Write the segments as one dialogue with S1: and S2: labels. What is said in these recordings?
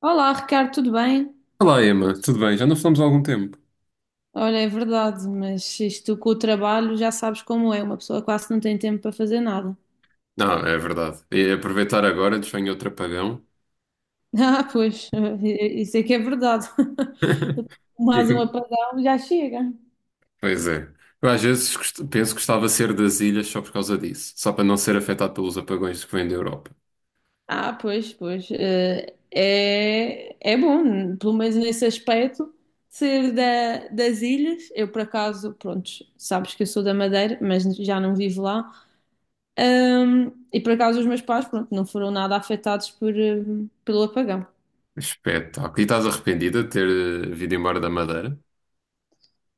S1: Olá, Ricardo, tudo bem?
S2: Olá, Emma, tudo bem? Já não falamos há algum tempo.
S1: Olha, é verdade, mas isto com o trabalho já sabes como é, uma pessoa quase não tem tempo para fazer nada.
S2: Não, é verdade. E aproveitar agora, desvenho outro apagão.
S1: Ah, pois, isso é que é verdade.
S2: E
S1: Mais um
S2: que-
S1: apagão já chega.
S2: Pois é. Eu às vezes penso que gostava de ser das ilhas só por causa disso, só para não ser afetado pelos apagões que vêm da Europa.
S1: Ah, pois, pois. É, é bom, pelo menos nesse aspecto, ser das ilhas. Eu, por acaso, pronto, sabes que eu sou da Madeira, mas já não vivo lá. E, por acaso, os meus pais, pronto, não foram nada afetados pelo apagão.
S2: Espetáculo. E estás arrependida de ter vindo embora da Madeira?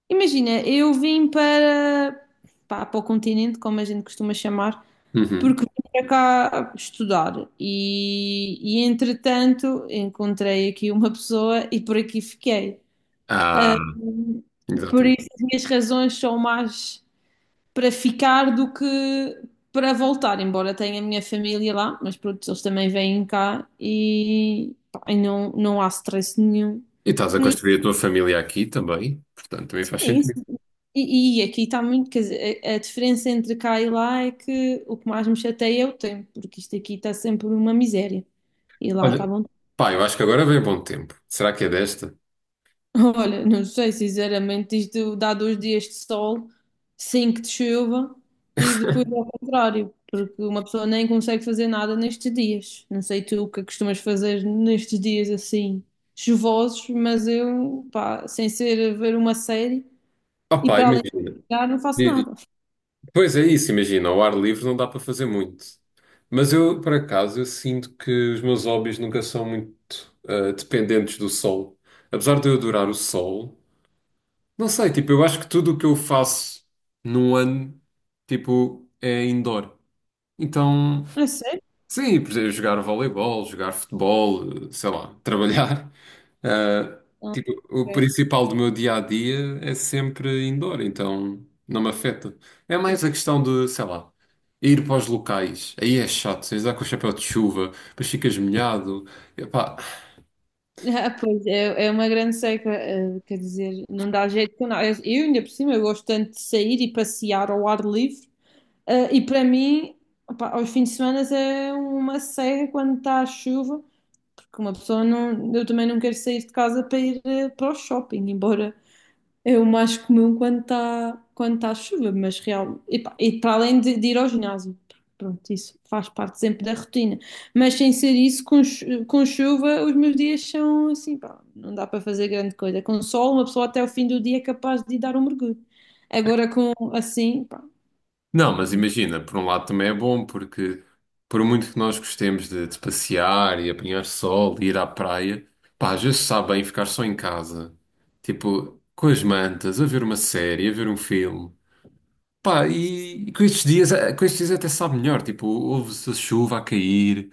S1: Imagina, eu vim para, pá, para o continente, como a gente costuma chamar,
S2: Uhum.
S1: porque vim para cá estudar e entretanto encontrei aqui uma pessoa e por aqui fiquei. Ah,
S2: Ah,
S1: por
S2: exatamente.
S1: isso as minhas razões são mais para ficar do que para voltar, embora tenha a minha família lá, mas pronto, eles também vêm cá e, pá, e não, não há stress nenhum.
S2: E estás a
S1: Nisso,
S2: construir a tua família aqui também, portanto também faz
S1: sim.
S2: sentido.
S1: E aqui está muito, quer dizer, a diferença entre cá e lá é que o que mais me chateia é o tempo, porque isto aqui está sempre uma miséria. E lá está
S2: Olha,
S1: bom.
S2: pá, eu acho que agora vem bom tempo. Será que é desta?
S1: Olha, não sei, sinceramente, isto dá dois dias de sol, cinco de chuva e depois ao contrário, porque uma pessoa nem consegue fazer nada nestes dias. Não sei tu o que costumas fazer nestes dias assim chuvosos, mas eu, pá, sem ser ver uma série
S2: Oh,
S1: e
S2: pá,
S1: para além
S2: imagina.
S1: de jogar, não faço nada.
S2: Pois é isso, imagina, ao ar livre não dá para fazer muito. Mas eu, por acaso, eu sinto que os meus hobbies nunca são muito dependentes do sol. Apesar de eu adorar o sol, não sei, tipo, eu acho que tudo o que eu faço num ano, tipo, é indoor. Então,
S1: É sério?
S2: sim, por exemplo, jogar voleibol, jogar futebol, sei lá, trabalhar. Ah,
S1: Ah,
S2: tipo, o
S1: ok.
S2: principal do meu dia a dia é sempre indoor, então não me afeta. É mais a questão de, sei lá, ir para os locais. Aí é chato, tens de andar com o chapéu de chuva, depois ficas molhado. Epá.
S1: Ah, pois, é, é uma grande seca, quer dizer, não dá jeito com nada. Eu, ainda por cima, eu gosto tanto de sair e passear ao ar livre, eh, e para mim, opá, aos fins de semana é uma seca quando está a chuva, porque uma pessoa não, eu também não quero sair de casa para ir para o shopping, embora é o mais comum quando está quando tá chuva, mas real, e para além de ir ao ginásio, pronto, isso faz parte sempre da rotina. Mas sem ser isso, com chuva, os meus dias são assim, pá, não dá para fazer grande coisa. Com sol, uma pessoa até o fim do dia é capaz de ir dar um mergulho. Agora com assim, pá.
S2: Não, mas imagina, por um lado também é bom, porque por muito que nós gostemos de passear e apanhar sol e ir à praia, pá, às vezes sabe bem ficar só em casa, tipo, com as mantas, a ver uma série, a ver um filme. Pá, e com estes dias, com estes dias até sabe melhor, tipo, ouve-se a chuva a cair.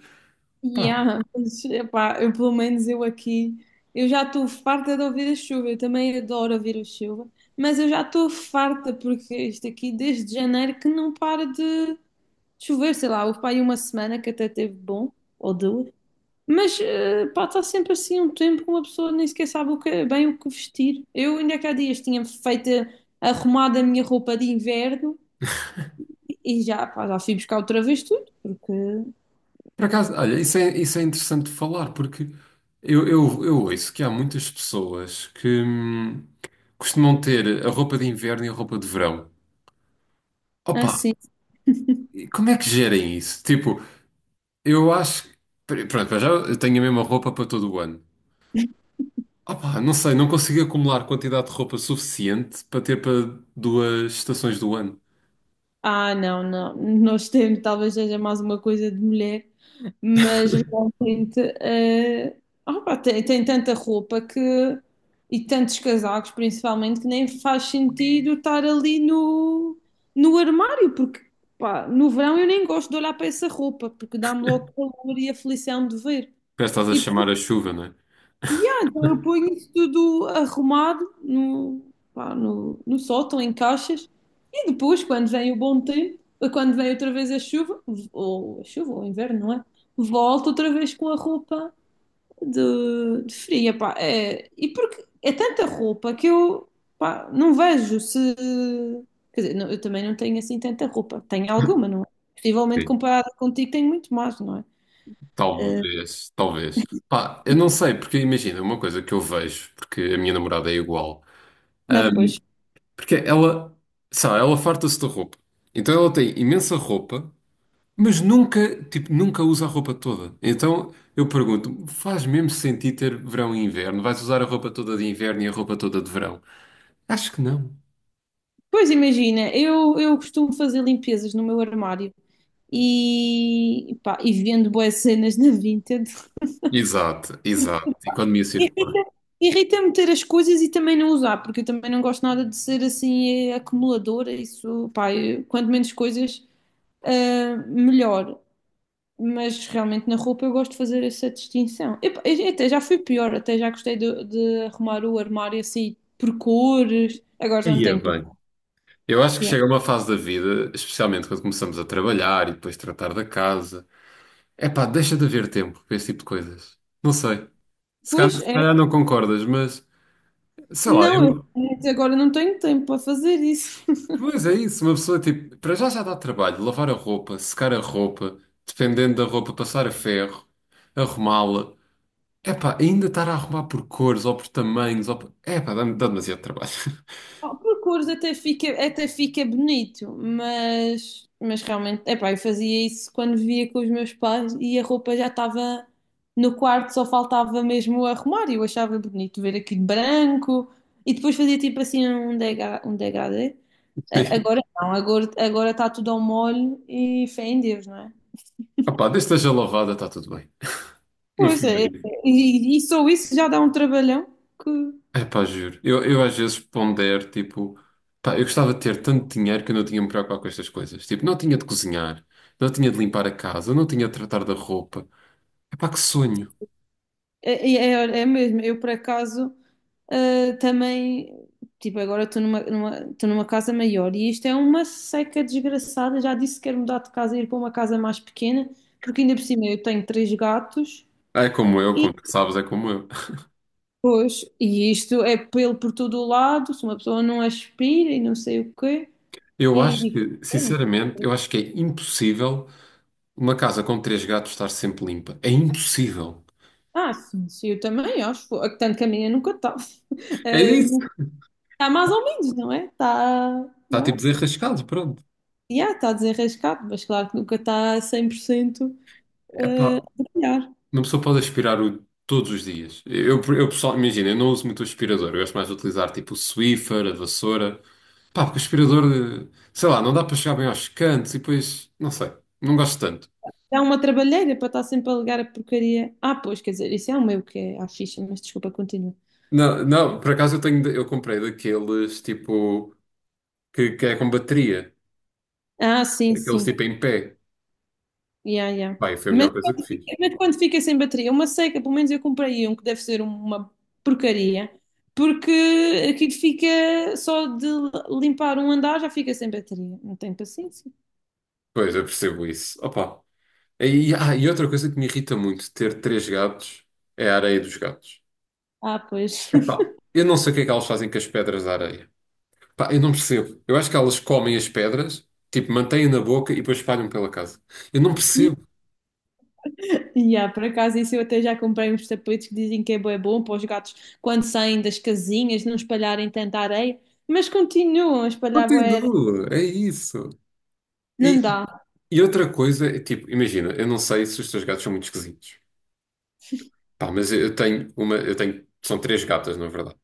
S2: Pá,
S1: Yeah, mas, epá, eu pelo menos eu aqui, eu já estou farta de ouvir a chuva, eu também adoro ouvir a chuva, mas eu já estou farta porque isto aqui desde janeiro que não para de chover, sei lá, houve para aí uma semana que até teve bom, ou duas, mas eh, pá, está sempre assim um tempo que uma pessoa nem sequer sabe bem o que vestir. Eu ainda que há dias tinha feito, arrumado a minha roupa de inverno e já, pá, já fui buscar outra vez tudo, porque
S2: por acaso, olha, isso é interessante de falar, porque eu ouço que há muitas pessoas que costumam ter a roupa de inverno e a roupa de verão.
S1: é
S2: Opa,
S1: assim.
S2: e como é que gerem isso? Tipo, eu acho que, pronto, para já eu tenho a mesma roupa para todo o ano. Opa, não sei, não consigo acumular quantidade de roupa suficiente para ter para duas estações do ano.
S1: Ah, não, não. Nós temos, talvez seja mais uma coisa de mulher, mas realmente eh, ah, pá, tem tanta roupa que e tantos casacos, principalmente, que nem faz sentido estar ali no armário, porque pá, no verão eu nem gosto de olhar para essa roupa, porque dá-me logo calor e aflição de ver.
S2: Já estás a
S1: E,
S2: chamar a chuva, não é?
S1: e, então eu ponho isso tudo arrumado pá, no sótão, em caixas. E depois, quando vem o bom tempo, quando vem outra vez a chuva, ou o inverno, não é? Volto outra vez com a roupa de fria, pá. É, e porque é tanta roupa que eu, pá, não vejo se. Quer dizer, eu também não tenho assim tanta roupa. Tenho alguma, não é? Possivelmente
S2: Sim.
S1: comparada contigo, tenho muito mais, não é? Eh,
S2: Talvez, talvez. Pá, eu não sei, porque imagina, uma coisa que eu vejo, porque a minha namorada é igual,
S1: não,
S2: ahm,
S1: pois.
S2: porque ela, sabe, ela farta-se de roupa. Então ela tem imensa roupa, mas nunca, tipo, nunca usa a roupa toda. Então eu pergunto, faz mesmo sentido ter verão e inverno? Vais usar a roupa toda de inverno e a roupa toda de verão? Acho que não.
S1: Pois imagina, eu costumo fazer limpezas no meu armário e, pá, e vendo boas cenas na Vinted.
S2: Exato, exato. Economia circular.
S1: Irrita- Irrita-me ter as coisas e também não usar, porque eu também não gosto nada de ser assim acumuladora. Isso, pá, quanto menos coisas, ah, melhor. Mas realmente na roupa eu gosto de fazer essa distinção. Eu, pá, eu até já fui pior, até já gostei de arrumar o armário assim por cores. Agora já não
S2: Aí é
S1: tenho para.
S2: bem. Eu acho que
S1: Yeah.
S2: chega uma fase da vida, especialmente quando começamos a trabalhar e depois tratar da casa. É pá, deixa de haver tempo para esse tipo de coisas. Não sei. Se
S1: Pois
S2: calhar, se
S1: é,
S2: calhar não concordas, mas sei lá,
S1: não,
S2: eu.
S1: eu agora não tenho tempo para fazer isso.
S2: Pois é isso, uma pessoa tipo. Para já já dá trabalho, lavar a roupa, secar a roupa, dependendo da roupa, passar a ferro, arrumá-la. É pá, ainda estar a arrumar por cores ou por tamanhos. Ou por... É pá, dá demasiado trabalho.
S1: O percurso até fica bonito, mas realmente, epá, eu fazia isso quando via com os meus pais e a roupa já estava no quarto, só faltava mesmo arrumar e eu achava bonito ver aquilo branco e depois fazia tipo assim um degradê. Agora não, agora está tudo ao molho e fé em Deus, não é?
S2: Ah pá, desde que esteja lavada, está tudo bem. No
S1: Pois
S2: fim,
S1: é,
S2: bem.
S1: e só isso já dá um trabalhão que.
S2: É pá, juro. Eu às vezes pondero, tipo, pá, eu gostava de ter tanto dinheiro que eu não tinha de me preocupar com estas coisas. Tipo, não tinha de cozinhar, não tinha de limpar a casa, não tinha de tratar da roupa. É pá, que sonho.
S1: É, é, olha, é mesmo, eu por acaso ah, também, tipo, agora estou numa, numa, estou numa casa maior e isto é uma seca desgraçada. Já disse que quero mudar de casa e ir para uma casa mais pequena, porque ainda por cima eu tenho três gatos
S2: Ah, é como eu,
S1: e
S2: como tu sabes, é como eu.
S1: depois, e isto é pelo por todo o lado, se uma pessoa não aspira e não sei o quê,
S2: Eu
S1: e,
S2: acho
S1: e-
S2: que, sinceramente, eu acho que é impossível uma casa com três gatos estar sempre limpa. É impossível.
S1: ah, sim, sim, eu também acho, tanto que a minha nunca está.
S2: É
S1: Ah,
S2: isso.
S1: nunca- Está mais ou menos, não é? Está,
S2: Está
S1: não
S2: tipo
S1: é?
S2: desenrascado, pronto.
S1: Yeah, está desenrascado, mas claro que nunca está 100%
S2: É
S1: a
S2: pá,
S1: trabalhar.
S2: uma pessoa pode aspirar o todos os dias. Eu pessoal, imagina, eu não uso muito o aspirador, eu gosto mais de utilizar tipo o Swiffer, a vassoura. Pá, porque o aspirador, eh, sei lá, não dá para chegar bem aos cantos e depois, não sei, não gosto tanto.
S1: Dá uma trabalheira para estar sempre a ligar a porcaria. Ah, pois, quer dizer, isso é o meu que é à ficha, mas desculpa, continua.
S2: Não, não, por acaso eu tenho, eu comprei daqueles tipo que é com bateria,
S1: Ah, sim,
S2: aqueles
S1: sim.
S2: tipo em pé.
S1: Yeah, yeah.
S2: Bem, foi a melhor coisa que fiz.
S1: Mas quando fica sem bateria, uma seca, pelo menos eu comprei um que deve ser uma porcaria, porque aquilo fica só de limpar um andar já fica sem bateria. Não tenho paciência.
S2: Pois, eu percebo isso. Opa. E, e outra coisa que me irrita muito de ter três gatos é a areia dos gatos.
S1: Ah, pois.
S2: Epá, eu não sei o que é que elas fazem com as pedras da areia. Pá, eu não percebo. Eu acho que elas comem as pedras, tipo, mantêm na boca e depois espalham pela casa. Eu não percebo.
S1: E há, por acaso, isso eu até já comprei uns tapetes que dizem que é bué bom para os gatos quando saem das casinhas não espalharem tanta areia, mas continuam a
S2: Não
S1: espalhar
S2: tem
S1: bué areia.
S2: dúvida, é isso. E,
S1: Não dá.
S2: e outra coisa, é tipo, imagina, eu não sei se os teus gatos são muito esquisitos. Pá, mas eu tenho uma, eu tenho, são três gatas, na verdade.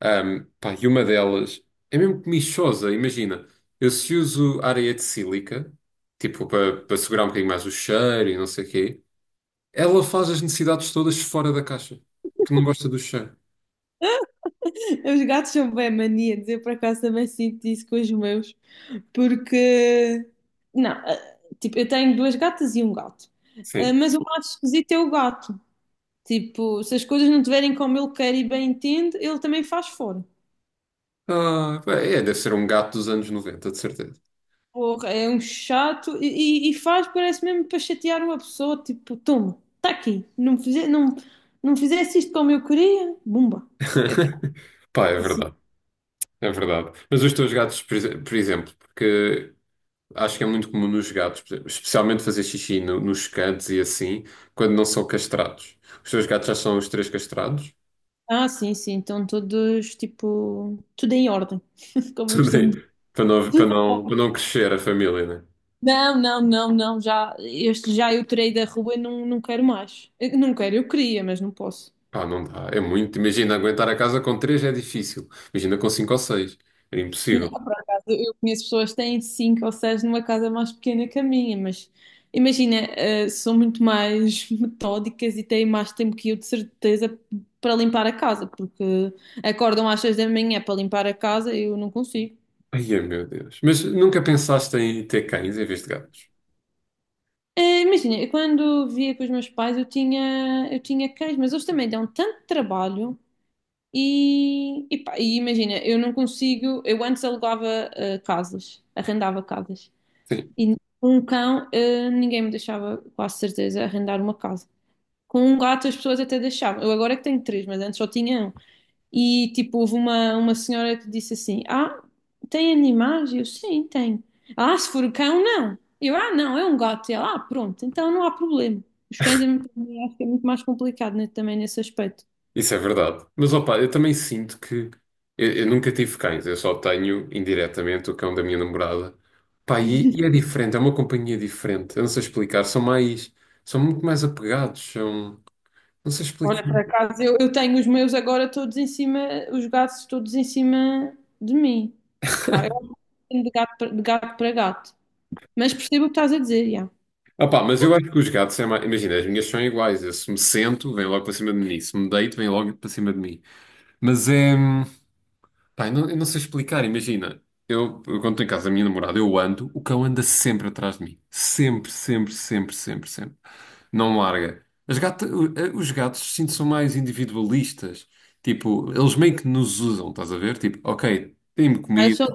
S2: Pá, e uma delas é mesmo comichosa, imagina. Eu se uso areia de sílica, tipo, para segurar um bocadinho mais o cheiro e não sei o quê, ela faz as necessidades todas fora da caixa, que não gosta do cheiro.
S1: Os gatos são bué maníacos. Eu, por acaso, também sinto isso com os meus. Porque, não, ah, tipo, eu tenho duas gatas e um gato. Ah,
S2: Sim.
S1: mas o mais esquisito é o gato. Tipo, se as coisas não estiverem como ele quer e bem entende, ele também faz fora.
S2: Ah, pá, é, deve ser um gato dos anos 90, de certeza.
S1: Porra, é um chato e faz, parece mesmo para chatear uma pessoa, tipo, toma, está aqui, não, não fizesse isto como eu queria, bumba. Eu,
S2: Pá, é
S1: assim,
S2: verdade. É verdade. Mas os teus gatos, por exemplo, porque acho que é muito comum nos gatos, por exemplo, especialmente fazer xixi nos cantos e assim, quando não são castrados. Os teus gatos já são os três castrados?
S1: ah, sim, sim, então todos, tipo, tudo em ordem, como eu costumo
S2: Também.
S1: dizer.
S2: Para não, para
S1: Tudo bom.
S2: não, para não crescer a família, né?
S1: Não, não, não, não, já, este já eu tirei da rua e não, não quero mais. Eu Não quero, eu queria, mas não posso.
S2: Pá, não dá. É muito. Imagina, aguentar a casa com três é difícil. Imagina com cinco ou seis. É impossível.
S1: Eu conheço pessoas que têm cinco ou seis numa casa mais pequena que a minha, mas imagina, eh, são muito mais metódicas e têm mais tempo que eu, de certeza, para limpar a casa, porque acordam às seis da manhã para limpar a casa, eu não consigo.
S2: Ai, meu Deus. Mas nunca pensaste em ter cães em vez de gatos?
S1: Eh, imagina, eu quando via com os meus pais, eu tinha cães, mas eles também dão tanto trabalho e pá, e imagina, eu não consigo, eu antes alugava, eh, casas, arrendava casas. E com um cão, eh, ninguém me deixava, quase certeza, arrendar uma casa. Com um gato, as pessoas até deixavam. Eu agora é que tenho três, mas antes só tinha um. E tipo, houve uma senhora que disse assim: Ah, tem animais? Eu, sim, tenho. Ah, se for cão, não. Eu, ah, não, é um gato. E ela, ah, pronto, então não há problema. Os cães, é acho que é muito mais complicado, né, também nesse aspecto.
S2: Isso é verdade. Mas opa, eu também sinto que eu nunca tive cães, eu só tenho indiretamente o cão da minha namorada. Pá, e é diferente, é uma companhia diferente. Eu não sei explicar, são mais, são muito mais apegados, são, não sei explicar.
S1: Olha, por acaso, eu tenho os meus agora todos em cima, os gatos todos em cima de mim. Pá, eu acho que tenho de gato, de gato para gato. Mas percebo o que estás a dizer, já.
S2: Opa, mas eu acho que os gatos é mais, imagina, as minhas são iguais. Eu, se me sento, vem logo para cima de mim. Se me deito, vem logo para cima de mim. Mas é, pá, eu não sei explicar, imagina. Eu quando estou em casa da minha namorada, eu ando, o cão anda sempre atrás de mim. Sempre, sempre, sempre, sempre, sempre. Não larga. As gata- o- eh, os gatos, sinto, são mais individualistas. Tipo, eles meio que nos usam, estás a ver? Tipo, ok, dê-me
S1: Ah, eu
S2: comida,
S1: sou,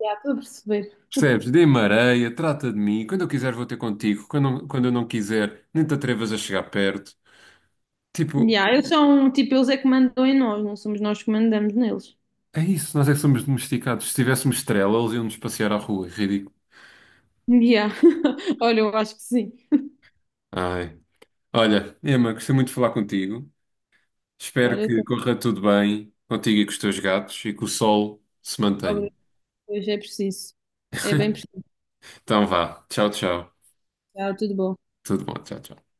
S1: já estou a perceber.
S2: percebes? Dê-me areia, trata de mim. Quando eu quiser, vou ter contigo. Quando eu não quiser, nem te atrevas a chegar perto. Tipo,
S1: Yeah, eles são, tipo, eles é que mandam em nós, não somos nós que mandamos neles.
S2: é isso, nós é que somos domesticados. Se tivéssemos estrela, eles iam-nos passear à rua. Ridículo.
S1: Yeah. Olha, eu acho que sim.
S2: Ai. Olha, Emma, gostei muito de falar contigo. Espero
S1: Olha, eu
S2: que
S1: tenho
S2: corra tudo bem contigo e com os teus gatos e que o sol se mantenha.
S1: obras que hoje é preciso. É bem preciso.
S2: Então vá. Tchau, tchau.
S1: Tá, tudo bom.
S2: Tudo bom, tchau, tchau.